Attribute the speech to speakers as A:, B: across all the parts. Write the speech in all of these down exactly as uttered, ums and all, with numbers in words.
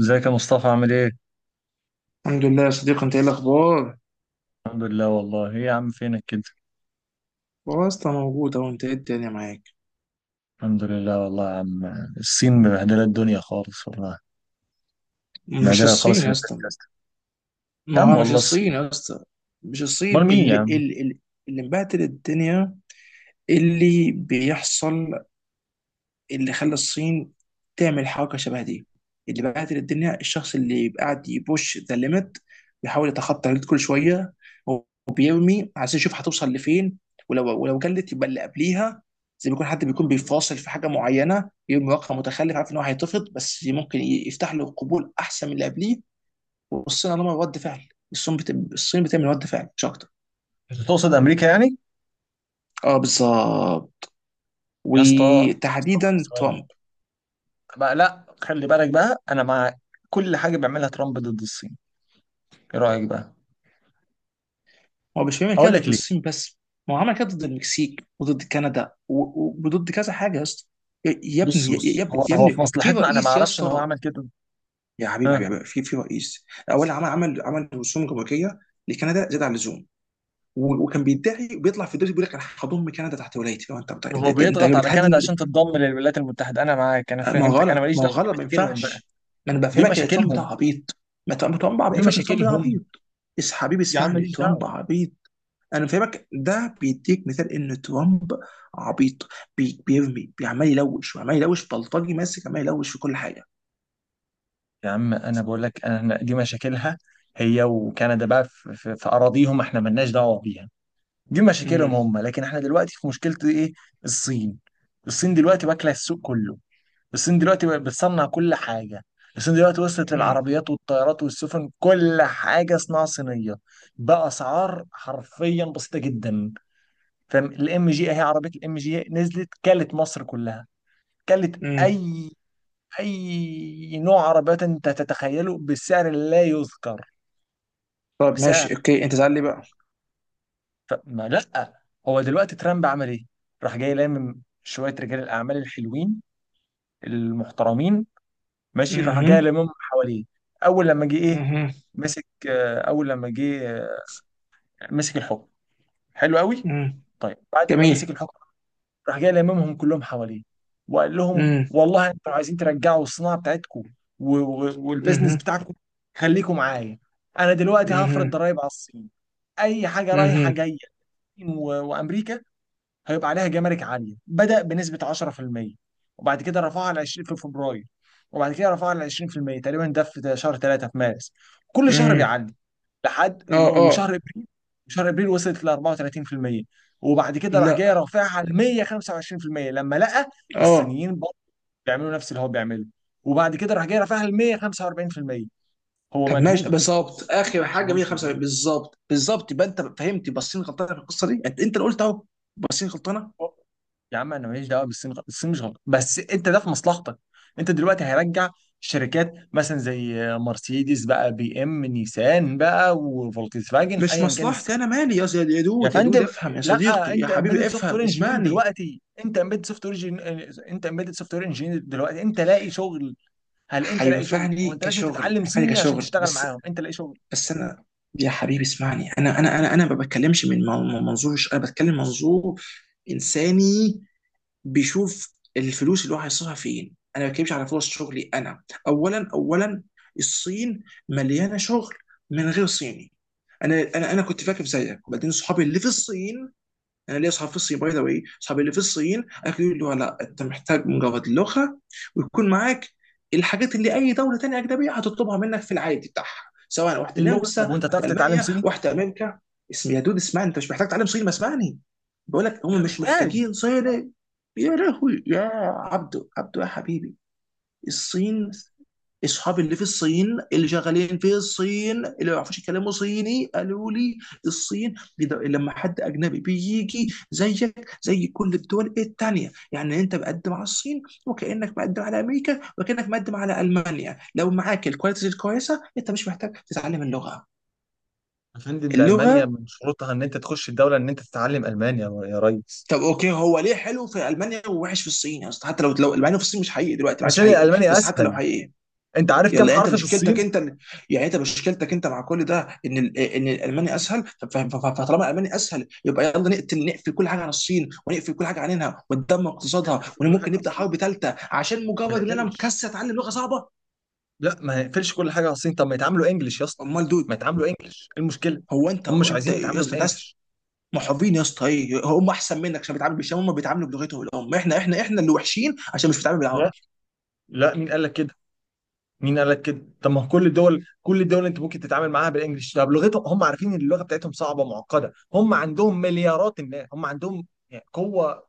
A: ازيك يا مصطفى عامل ايه؟
B: الحمد لله يا صديقي، انت ايه الاخبار؟
A: الحمد لله. والله ايه يا عم فينك كده؟
B: والله يا اسطى، موجود اهو. انت ايه الدنيا معاك؟
A: الحمد لله والله يا عم. الصين مبهدلة الدنيا خالص والله.
B: مش
A: مبهدلة خالص
B: الصين
A: في
B: يا اسطى.
A: البودكاست.
B: ما
A: يا عم
B: هو مش
A: والله الصين.
B: الصين يا اسطى. مش الصين.
A: امال مين يا
B: اللي
A: عم؟
B: اللي اللي اللي مبهدل الدنيا، اللي بيحصل، اللي خلى الصين تعمل حركه شبه دي، اللي بهدل الدنيا، الشخص اللي يبقى قاعد يبوش ذا ليميت، بيحاول يتخطى الليميت كل شويه، وبيرمي عايز يشوف هتوصل لفين. ولو ولو جلت يبقى اللي قبليها، زي ما يكون حد بيكون بيفاصل في حاجه معينه، يرمي رقم متخلف عارف ان هو هيترفض بس ممكن يفتح له قبول احسن من اللي قبليه. والصين عندهم رد فعل. الصين بت... الصين بتعمل رد فعل مش اكتر.
A: انت تقصد امريكا يعني؟
B: اه، بالظبط.
A: يا اسطى يا اسطى،
B: وتحديدا
A: ثواني.
B: ترامب.
A: بقى، لا خلي بالك بقى، انا مع كل حاجة بيعملها ترامب ضد الصين. ايه رأيك بقى؟
B: هو مش بيعمل كده
A: هقول لك
B: ضد
A: ليه.
B: الصين بس. ما هو عمل كده ضد المكسيك وضد كندا و- و- وضد كذا حاجه يا اسطى. يا يا
A: بص
B: ابني يا
A: بص،
B: يا ابني
A: هو
B: يا
A: هو في
B: ابني في
A: مصلحتنا، انا ما
B: رئيس يا
A: اعرفش ان هو
B: اسطى.
A: عمل كده.
B: يا
A: ها.
B: حبيبي حبيبي في في رئيس. اولا عمل عمل عمل رسوم جمركيه لكندا زاد عن اللزوم. و- وكان بيدعي وبيطلع في الدوري بيقول لك انا هضم كندا تحت ولايتي لو انت انت
A: وهو
B: انت, انت
A: بيضغط على كندا
B: بتهدد.
A: عشان تتضم للولايات المتحدة. أنا معاك، أنا
B: ما هو
A: فهمتك، أنا
B: غلط،
A: ماليش
B: ما هو
A: دعوة، دي
B: غلط، ما
A: مشاكلهم بقى.
B: ينفعش. ما انا
A: دي
B: بفهمك ان ترامب ده
A: مشاكلهم.
B: عبيط. ما ترامب ترامب
A: دي
B: عبيط، فاكر ترامب ده
A: مشاكلهم
B: عبيط. بس حبيبي
A: يا عم،
B: اسمعني،
A: ماليش دعوه.
B: ترامب عبيط. انا فاهمك، ده بيديك مثال ان ترامب عبيط. بي بيرمي، بيعمل يلوش، وعمال يلوش، بلطجي ماسك عمال يلوش في كل حاجه.
A: يا عم انا بقول لك، انا دي مشاكلها، هي وكندا بقى في, في, في اراضيهم، احنا مالناش دعوه بيها. دي
B: امم.
A: مشاكلهم هم، لكن احنا دلوقتي في مشكله ايه؟ الصين. الصين دلوقتي واكله السوق كله. الصين دلوقتي بقت بتصنع كل حاجه. الصين دلوقتي وصلت
B: امم.
A: للعربيات والطيارات والسفن، كل حاجه صناعه صينيه، باسعار حرفيا بسيطه جدا. فاهم الام جي؟ اهي عربيه الام جي نزلت كلت مصر كلها. كلت
B: امم.
A: اي؟ اي نوع عربيات انت تتخيله بسعر لا يذكر،
B: طب ماشي،
A: بسعر،
B: اوكي انت زعل لي بقى.
A: فما لا. هو دلوقتي ترامب عمل ايه؟ راح جاي لامم شويه رجال الاعمال الحلوين المحترمين. ماشي، راح جاي
B: اها.
A: لاممهم حواليه. اول لما جه ايه؟
B: اها.
A: مسك آه، اول لما جه آه، مسك الحكم. حلو قوي.
B: اها.
A: طيب بعد ما
B: جميل.
A: مسك الحكم راح جاي لممهم كلهم حواليه، وقال لهم
B: امم.
A: والله انتوا لو عايزين ترجعوا الصناعه بتاعتكم و- و- والبزنس
B: اها.
A: بتاعكم، خليكم معايا. انا دلوقتي هفرض
B: اها.
A: ضرايب على الصين، اي حاجه رايحه
B: اها.
A: جايه الصين و- وامريكا هيبقى عليها جمارك عاليه، بدا بنسبه عشره في الميه، وبعد كده رفعها ل عشرين في فبراير، وبعد كده رفعها ل عشرين في الميه تقريبا ده في شهر تلاته في مارس. كل شهر
B: امم.
A: بيعلي، لحد
B: اه.
A: و-
B: اه.
A: وشهر ابريل. شهر ابريل وصلت ل اربعه وتلاتين في الميه، وبعد كده راح جاي
B: لا.
A: رافعها ل ميه وخمسه وعشرين في الميه لما لقى
B: اه.
A: الصينيين برضه بيعملوا نفس اللي هو بيعمله، وبعد كده راح جاي رافعها ل ميه وخمسه واربعين في الميه. هو
B: طب ماشي،
A: مجنون.
B: بالظبط
A: ما
B: اخر
A: معكش ان
B: حاجه
A: هو مش مجنون؟
B: مئة وخمسة وسبعون، بالظبط بالظبط، يبقى انت فهمت بصين غلطانه في القصه دي. انت، انت اللي قلت اهو. بصين غلطانه.
A: يا عم انا ماليش دعوه بالصين، غ- الصين مش غلط، بس انت ده في مصلحتك. انت دلوقتي هيرجع شركات مثلا زي مرسيدس بقى، بي ام، نيسان بقى، وفولكس فاجن،
B: مش
A: ايا كان الس-
B: مصلحتي. انا مالي يا يا
A: يا
B: دود يا
A: فندم،
B: دود افهم يا
A: لا.
B: صديقي يا
A: انت
B: حبيبي
A: امبيدد سوفت
B: افهم
A: وير انجينير
B: اسمعني.
A: دلوقتي، انت امبيدد سوفت وير، انت امبيدد سوفت وير انجينير دلوقتي انت لاقي شغل. هل انت لاقي شغل؟
B: هينفعني
A: هو انت لازم
B: كشغل،
A: تتعلم
B: هينفعني
A: صيني عشان
B: كشغل
A: تشتغل
B: بس.
A: معاهم؟ انت لاقي شغل.
B: بس انا، يا حبيبي اسمعني. انا انا انا انا ما بتكلمش من من- منظور، ش- انا بتكلم منظور انساني بيشوف الفلوس اللي هو هيصرفها فين. انا ما بتكلمش على فرص شغلي. انا، اولا اولا، الصين مليانه شغل من غير صيني. انا انا انا كنت فاكر زيك، وبعدين صحابي اللي في الصين. انا ليا اصحاب في الصين، باي ذا واي، اصحابي اللي في الصين اكيد يقولوا لا، انت محتاج مجرد لغه ويكون معاك الحاجات اللي اي دوله تانيه اجنبيه هتطلبها منك في العادي بتاعها، سواء واحده
A: اللغه.
B: نمسا،
A: طب وانت تعرف
B: واحده
A: تتعلم
B: المانيا،
A: صيني؟
B: واحده امريكا. اسم يا دود اسمعني، انت مش محتاج تعلم صيني. ما اسمعني، بقول لك هم
A: لا،
B: مش
A: محتاج.
B: محتاجين صيني. يا لهوي يا عبدو عبدو يا حبيبي. الصين، اصحابي اللي في الصين، اللي شغالين في الصين، اللي ما يعرفوش يكلموا صيني، قالوا لي الصين بيد- لما حد اجنبي بيجي زيك زي كل الدول التانية، يعني انت مقدم على الصين وكانك مقدم على امريكا وكانك مقدم على المانيا، لو معاك الكواليتيز الكويسه انت مش محتاج تتعلم اللغه.
A: يا فندم، ده المانيا
B: اللغه.
A: من شروطها ان انت تخش الدوله ان انت تتعلم المانيا يا ريس.
B: طب اوكي، هو ليه حلو في المانيا ووحش في الصين يا اسطى؟ حتى لو، لو المانيا في الصين مش حقيقي دلوقتي، ما عادش
A: عشان
B: حقيقي.
A: الالماني
B: بس حتى لو
A: اسهل.
B: حقيقي،
A: انت عارف
B: يلا.
A: كام
B: يعني انت
A: حرف في
B: مشكلتك
A: الصين؟
B: انت، إن- يعني انت مشكلتك انت مع كل ده ان ال- ان الالماني اسهل، ف- ف- ف- فطالما الالماني اسهل يبقى يلا نقتل، نقفل كل حاجه عن الصين، ونقفل كل حاجه عنها، وندمر
A: ما
B: اقتصادها،
A: نقفلش كل
B: وممكن
A: حاجه على
B: نبدا حرب
A: الصين،
B: ثالثه، عشان
A: ما
B: مجرد ان انا
A: نقفلش.
B: مكسل اتعلم لغه صعبه.
A: لا، ما يقفلش كل حاجه على الصين، طب ما يتعاملوا انجلش يا اسطى،
B: امال دود؟
A: ما يتعاملوا انجلش، ايه المشكله؟
B: هو انت،
A: هم مش
B: انت
A: عايزين
B: يا
A: يتعاملوا
B: اسطى انت أس-
A: بالانجلش.
B: محبين يا اسطى؟ ايه، هم احسن منك عشان بيتعاملوا بالشام؟ هم بيتعاملوا بلغتهم الام، احنا احنا احنا اللي وحشين عشان مش بنتعامل
A: لا.
B: بالعربي.
A: لا، مين قال لك كده؟ مين قال لك كده؟ طب ما هو كل الدول كل الدول اللي انت ممكن تتعامل معاها بالانجلش، طب لغتهم. هم عارفين ان اللغه بتاعتهم صعبه معقده، هم عندهم مليارات الناس، هم عندهم يعني قوه،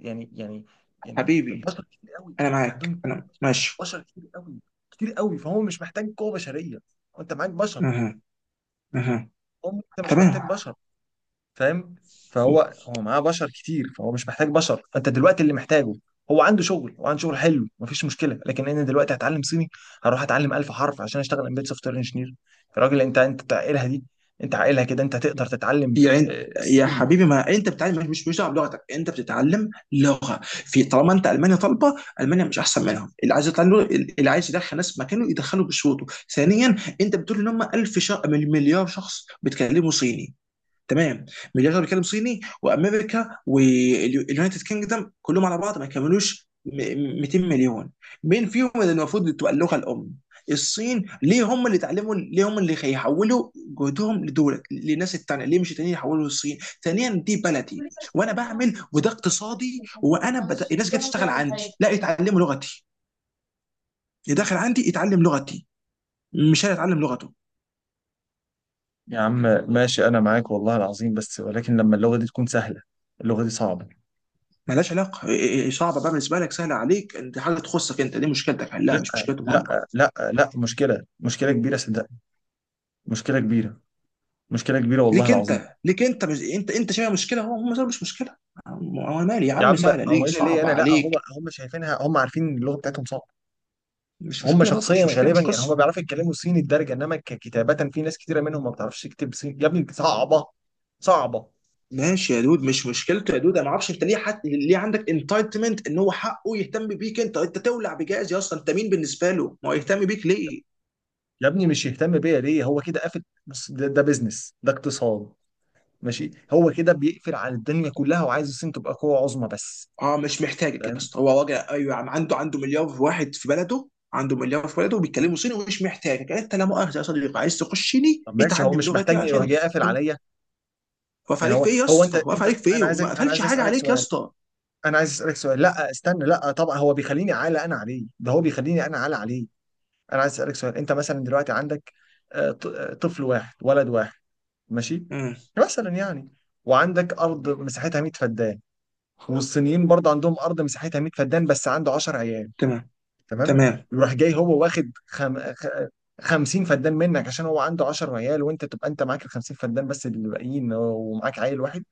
A: يعني، يعني، يعني
B: حبيبي
A: بشر كتير قوي.
B: انا معاك،
A: عندهم
B: انا ماشي.
A: بشر كتير قوي، كتير قوي، فهو مش محتاج قوة بشرية. انت معاك بشر.
B: اها. اها.
A: هو انت مش
B: تمام.
A: محتاج بشر، فاهم؟ فهو هو معاه بشر كتير، فهو مش محتاج بشر، فانت دلوقتي اللي محتاجه. هو عنده شغل، وعنده شغل حلو، مفيش مشكلة، لكن انا دلوقتي هتعلم صيني، هروح اتعلم الف حرف عشان اشتغل امبيد سوفت وير انجينير. يا راجل انت انت عاقلها دي؟ انت عاقلها كده انت هتقدر تتعلم؟
B: يعني
A: آه،
B: يا
A: الصيني.
B: حبيبي، ما انت بتتعلم، مش مش دعوه بلغتك، انت بتتعلم لغه في، طالما انت المانيا طالبه. المانيا مش احسن منهم. اللي عايز يطلع له، اللي عايز يدخل ناس مكانه يدخله بشروطه. ثانيا، انت بتقول ان هم ألف شا... مليار شخص بيتكلموا صيني، تمام؟ مليار شخص بيتكلم صيني، وامريكا واليونايتد كينجدم كلهم على بعض ما كملوش م- مئتين مليون. مين فيهم اللي المفروض تبقى اللغه الام؟ الصين ليه هم اللي اتعلموا؟ ليه هم اللي هيحولوا جهدهم لدول، للناس التانية؟ ليه مش التانيين يحولوا للصين؟ ثانيا، دي بلدي وانا بعمل، وده اقتصادي، وانا بت... الناس جايه تشتغل عندي لا يتعلموا لغتي. اللي داخل عندي يتعلم لغتي، مش هيتعلم لغته.
A: يا عم ماشي، انا معاك والله العظيم، بس ولكن لما اللغه دي تكون سهله، اللغه دي صعبه.
B: ملهاش علاقه. إيه- إيه- إيه، صعبه بقى بالنسبه لك، سهله عليك، انت حاجه تخصك انت، دي مشكلتك حلها مش مشكلتهم هم.
A: لا لا لا، مشكله، مشكله كبيره صدقني، مشكله كبيره، مشكله كبيره والله
B: ليك
A: العظيم.
B: انت، ليك انت، مش انت، انت شايفها مشكله، هو هم شايفها مش مشكله. انا مالي يا
A: يا
B: عم،
A: عم
B: سهله
A: هو
B: ليك
A: ايه اللي ليه
B: صعبه
A: انا؟ لا هم
B: عليك.
A: هم شايفينها، هم عارفين ان اللغه بتاعتهم صعبه.
B: مش
A: هم
B: مشكله برضه،
A: شخصيا
B: مش مشكله،
A: غالبا
B: مش
A: يعني هم
B: قصه.
A: بيعرفوا يتكلموا صيني الدرجه، انما ككتابه في ناس كتيره منهم ما بتعرفش تكتب صيني يا ابني، صعبه، صعبه.
B: ماشي يا دود، مش مشكلته يا دود، انا ما اعرفش انت ليه، حد ليه عندك انتايتمنت ان هو حقه يهتم بيك؟ انت، انت تولع بجهاز يا، اصلا انت مين بالنسبه له؟ ما هو يهتم بيك ليه؟
A: يا ابني مش يهتم بيا ليه؟ هو كده قافل، بص ده, ده بيزنس، ده اقتصاد. ماشي هو كده بيقفل على الدنيا كلها، وعايز الصين تبقى قوة عظمى بس.
B: اه مش محتاجك يا
A: فاهم؟
B: اسطى. هو راجع، ايوه، عم عنده عنده مليار واحد في بلده، عنده مليار في بلده وبيتكلموا صيني، ومش محتاجك انت لا مؤاخذه يا صديقي. عايز تخشني
A: طب ماشي، هو
B: اتعلم
A: مش
B: لغتي
A: محتاجني يروح
B: عشان،
A: جاي قافل
B: انا
A: عليا؟
B: واقف
A: يعني
B: عليك
A: هو.
B: في ايه يا
A: هو انت
B: اسطى؟ واقف
A: انت
B: عليك في
A: انا
B: ايه؟
A: عايزك،
B: ما
A: انا
B: قفلش
A: عايز
B: حاجه
A: اسالك
B: عليك يا
A: سؤال،
B: اسطى.
A: انا عايز اسالك سؤال، لا استنى، لا طبعا هو بيخليني اعلى انا عليه، ده هو بيخليني انا اعلى عليه. انا عايز اسالك سؤال، انت مثلا دلوقتي عندك آه، ط- آه، طفل واحد ولد واحد. ماشي،
B: امم.
A: مثلا يعني. وعندك ارض مساحتها 100 فدان، والصينيين برضه عندهم ارض مساحتها 100 فدان بس عنده 10 عيال.
B: تمام.
A: تمام.
B: تمام.
A: يروح جاي هو واخد خم... خ... 50 فدان منك عشان هو عنده 10 عيال، وانت تبقى انت معاك ال 50 فدان بس اللي باقيين ومعاك عيل واحد.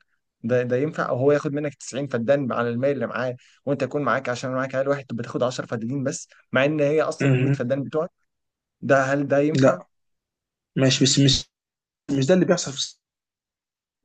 A: ده ده ينفع؟ او هو ياخد منك 90 فدان على المال اللي معاه، وانت يكون معاك عشان معاك عيل واحد تبقى تاخد 10 فدانين بس، مع ان هي اصلا ال 100
B: امم.
A: فدان بتوعك. ده هل ده ينفع؟
B: لا. ماشي بس مش، مش ده اللي بيحصل في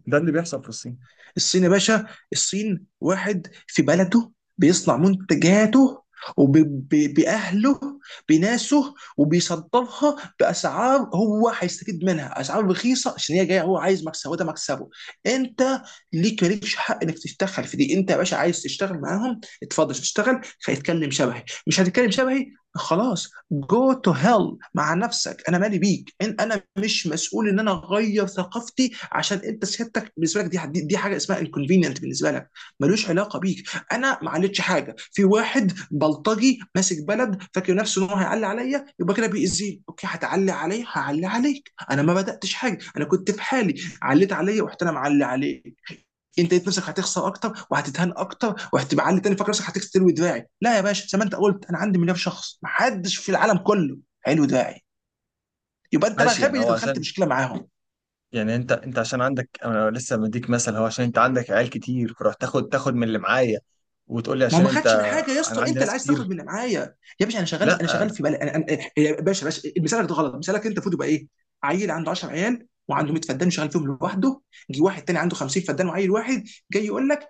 A: ده اللي بيحصل في الصين.
B: الصين يا باشا. الصين واحد في بلده، بيصنع منتجاته وبأهله بناسه، وبيصدرها بأسعار هو هيستفيد منها، أسعار رخيصة عشان هي جاية، هو عايز مكسبه، ده مكسبه. أنت ليك، مالكش حق إنك تتدخل في دي. أنت يا باشا عايز تشتغل معاهم اتفضل تشتغل، هيتكلم شبهي مش هتتكلم شبهي. خلاص، جو تو هيل مع نفسك، انا مالي بيك. إن- انا مش مسؤول ان انا اغير ثقافتي عشان انت سيادتك، بالنسبه لك دي، دي, دي حاجه اسمها انكونفينينت بالنسبه لك. ملوش علاقه بيك. انا ما عليتش حاجه، في واحد بلطجي ماسك بلد فاكر نفسه ان هو هيعلي عليا يبقى كده بيأذيني. اوكي، هتعلي عليا هعلي عليك، انا ما بداتش حاجه انا كنت في حالي، عليت عليا ورحت انا معلي عليك. انت لقيت نفسك هتخسر اكتر وهتتهان اكتر، وهتبقى عالي تاني فاكر نفسك هتستلوي دراعي. لا يا باشا، زي ما انت قلت، انا عندي مليار شخص، محدش في العالم كله هيلوي دراعي. يبقى انت بقى
A: ماشي يعني.
B: غبي
A: هو
B: اللي دخلت
A: عشان،
B: مشكله معاهم.
A: يعني انت انت عشان عندك، انا لسه مديك مثل، هو عشان انت عندك عيال كتير فرحت تاخد تاخد من اللي معايا وتقول لي
B: ما هو
A: عشان
B: ما
A: انت،
B: خدش من حاجه يا
A: انا
B: اسطى،
A: عندي
B: انت اللي
A: ناس
B: عايز تاخد
A: كتير.
B: من معايا. يا باشا انا شغال، انا
A: لا
B: شغال، في بالي انا، انا. يا باشا، باشا، مثالك ده غلط، مثالك انت المفروض يبقى ايه؟ عيل عنده عشر عيال وعنده ميه فدان شغال فيهم لوحده. جه واحد تاني عنده خمسين فدان وعيل واحد، جاي يقول لك: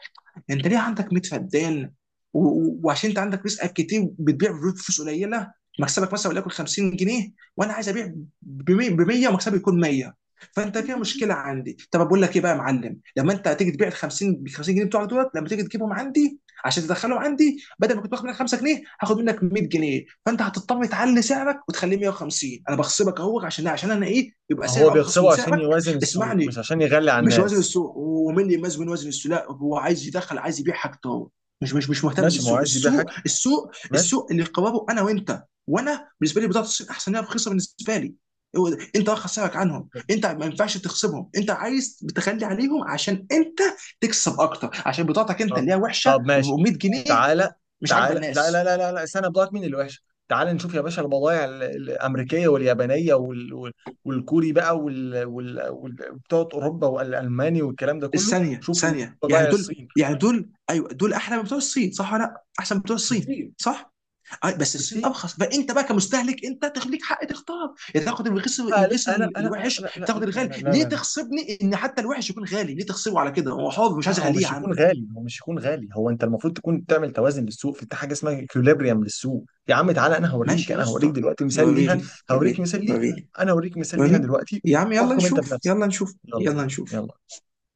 B: انت ليه عندك ميه فدان؟ و- و- وعشان انت عندك رزقك كتير بتبيع بفلوس قليله، مكسبك مثلا وليكن خمسين جنيه، وانا عايز ابيع ب بمية ومكسبي يكون مية، فانت فيها مشكله عندي. طب بقول لك ايه بقى يا معلم، لما انت هتيجي تبيع ال خمسين ب خمسين جنيه بتوعك دولت، لما تيجي تجيبهم عندي عشان تدخلهم عندي، بدل ما كنت باخد منك خمسه جنيه هاخد منك مئة جنيه، فانت هتضطر تعلي سعرك وتخليه ميه وخمسين. انا بخصبك اهو، عشان، عشان انا ايه، يبقى
A: هو
B: سعري ارخص من
A: بيغصبه عشان
B: سعرك.
A: يوازن السوق، مش
B: اسمعني،
A: عشان يغلي على
B: مش وزن
A: الناس.
B: السوق، ومين اللي يميز بين وزن السوق؟ لا، هو عايز يدخل، عايز يبيع حاجته هو، مش مش مش مهتم
A: ماشي، ما هو
B: بالسوق.
A: عايز يبيع
B: السوق
A: حاجته.
B: السوق
A: ماشي.
B: السوق اللي قراره انا وانت. وانا بالنسبه لي بضاعه الصين احسن، هي رخيصه بالنسبه لي. هو ده، انت واخد سعرك عنهم، انت ما ينفعش تخصمهم، انت عايز بتخلي عليهم عشان انت تكسب اكتر، عشان بضاعتك انت
A: طب،
B: اللي هي وحشه
A: طب ماشي،
B: و100 جنيه
A: تعالى،
B: مش عاجبه
A: تعالى. لا لا
B: الناس.
A: لا لا لا، استنى، بضاعة مين اللي وحشة؟ تعالى نشوف يا باشا البضائع ال- الأمريكية واليابانية وال... وال- والكوري بقى، وال... وال... وال... بتوع أوروبا والألماني والكلام ده كله،
B: الثانيه
A: شوفوا
B: ثانيه، يعني
A: بضائع
B: دول،
A: الصين
B: يعني دول، ايوه دول احلى من بتوع الصين، صح؟ ولا لا احسن من بتوع الصين،
A: بكتير،
B: صح؟ آه، بس الصين
A: بكتير.
B: ارخص، فانت بقى كمستهلك انت تخ- ليك حق تختار، يا تاخد الرخيص،
A: آه
B: الرخيص
A: لسه، لا
B: ال-
A: لا لا
B: الوحش،
A: لا لا
B: تاخد
A: لا، لا
B: الغالي.
A: لا
B: ليه
A: لا.
B: تخصبني ان حتى الوحش يكون غالي؟ ليه تخصبه على كده؟ هو حر مش
A: لا،
B: عايز
A: هو
B: اغليه يا
A: مش
B: عم.
A: يكون غالي، هو مش يكون غالي. هو انت المفروض تكون تعمل توازن للسوق، في حاجه اسمها اكيوليبريم للسوق يا عم، تعالى انا هوريك
B: ماشي يا
A: انا هوريك
B: اسطى.
A: دلوقتي مثال ليها،
B: وريني،
A: هوريك
B: وريني،
A: مثال ليها،
B: وريني،
A: انا هوريك مثال ليها
B: وريني
A: دلوقتي
B: يا عم. يلا
A: وتروحكم انت
B: نشوف،
A: بنفسك.
B: يلا نشوف،
A: يلا،
B: يلا نشوف.
A: يلا.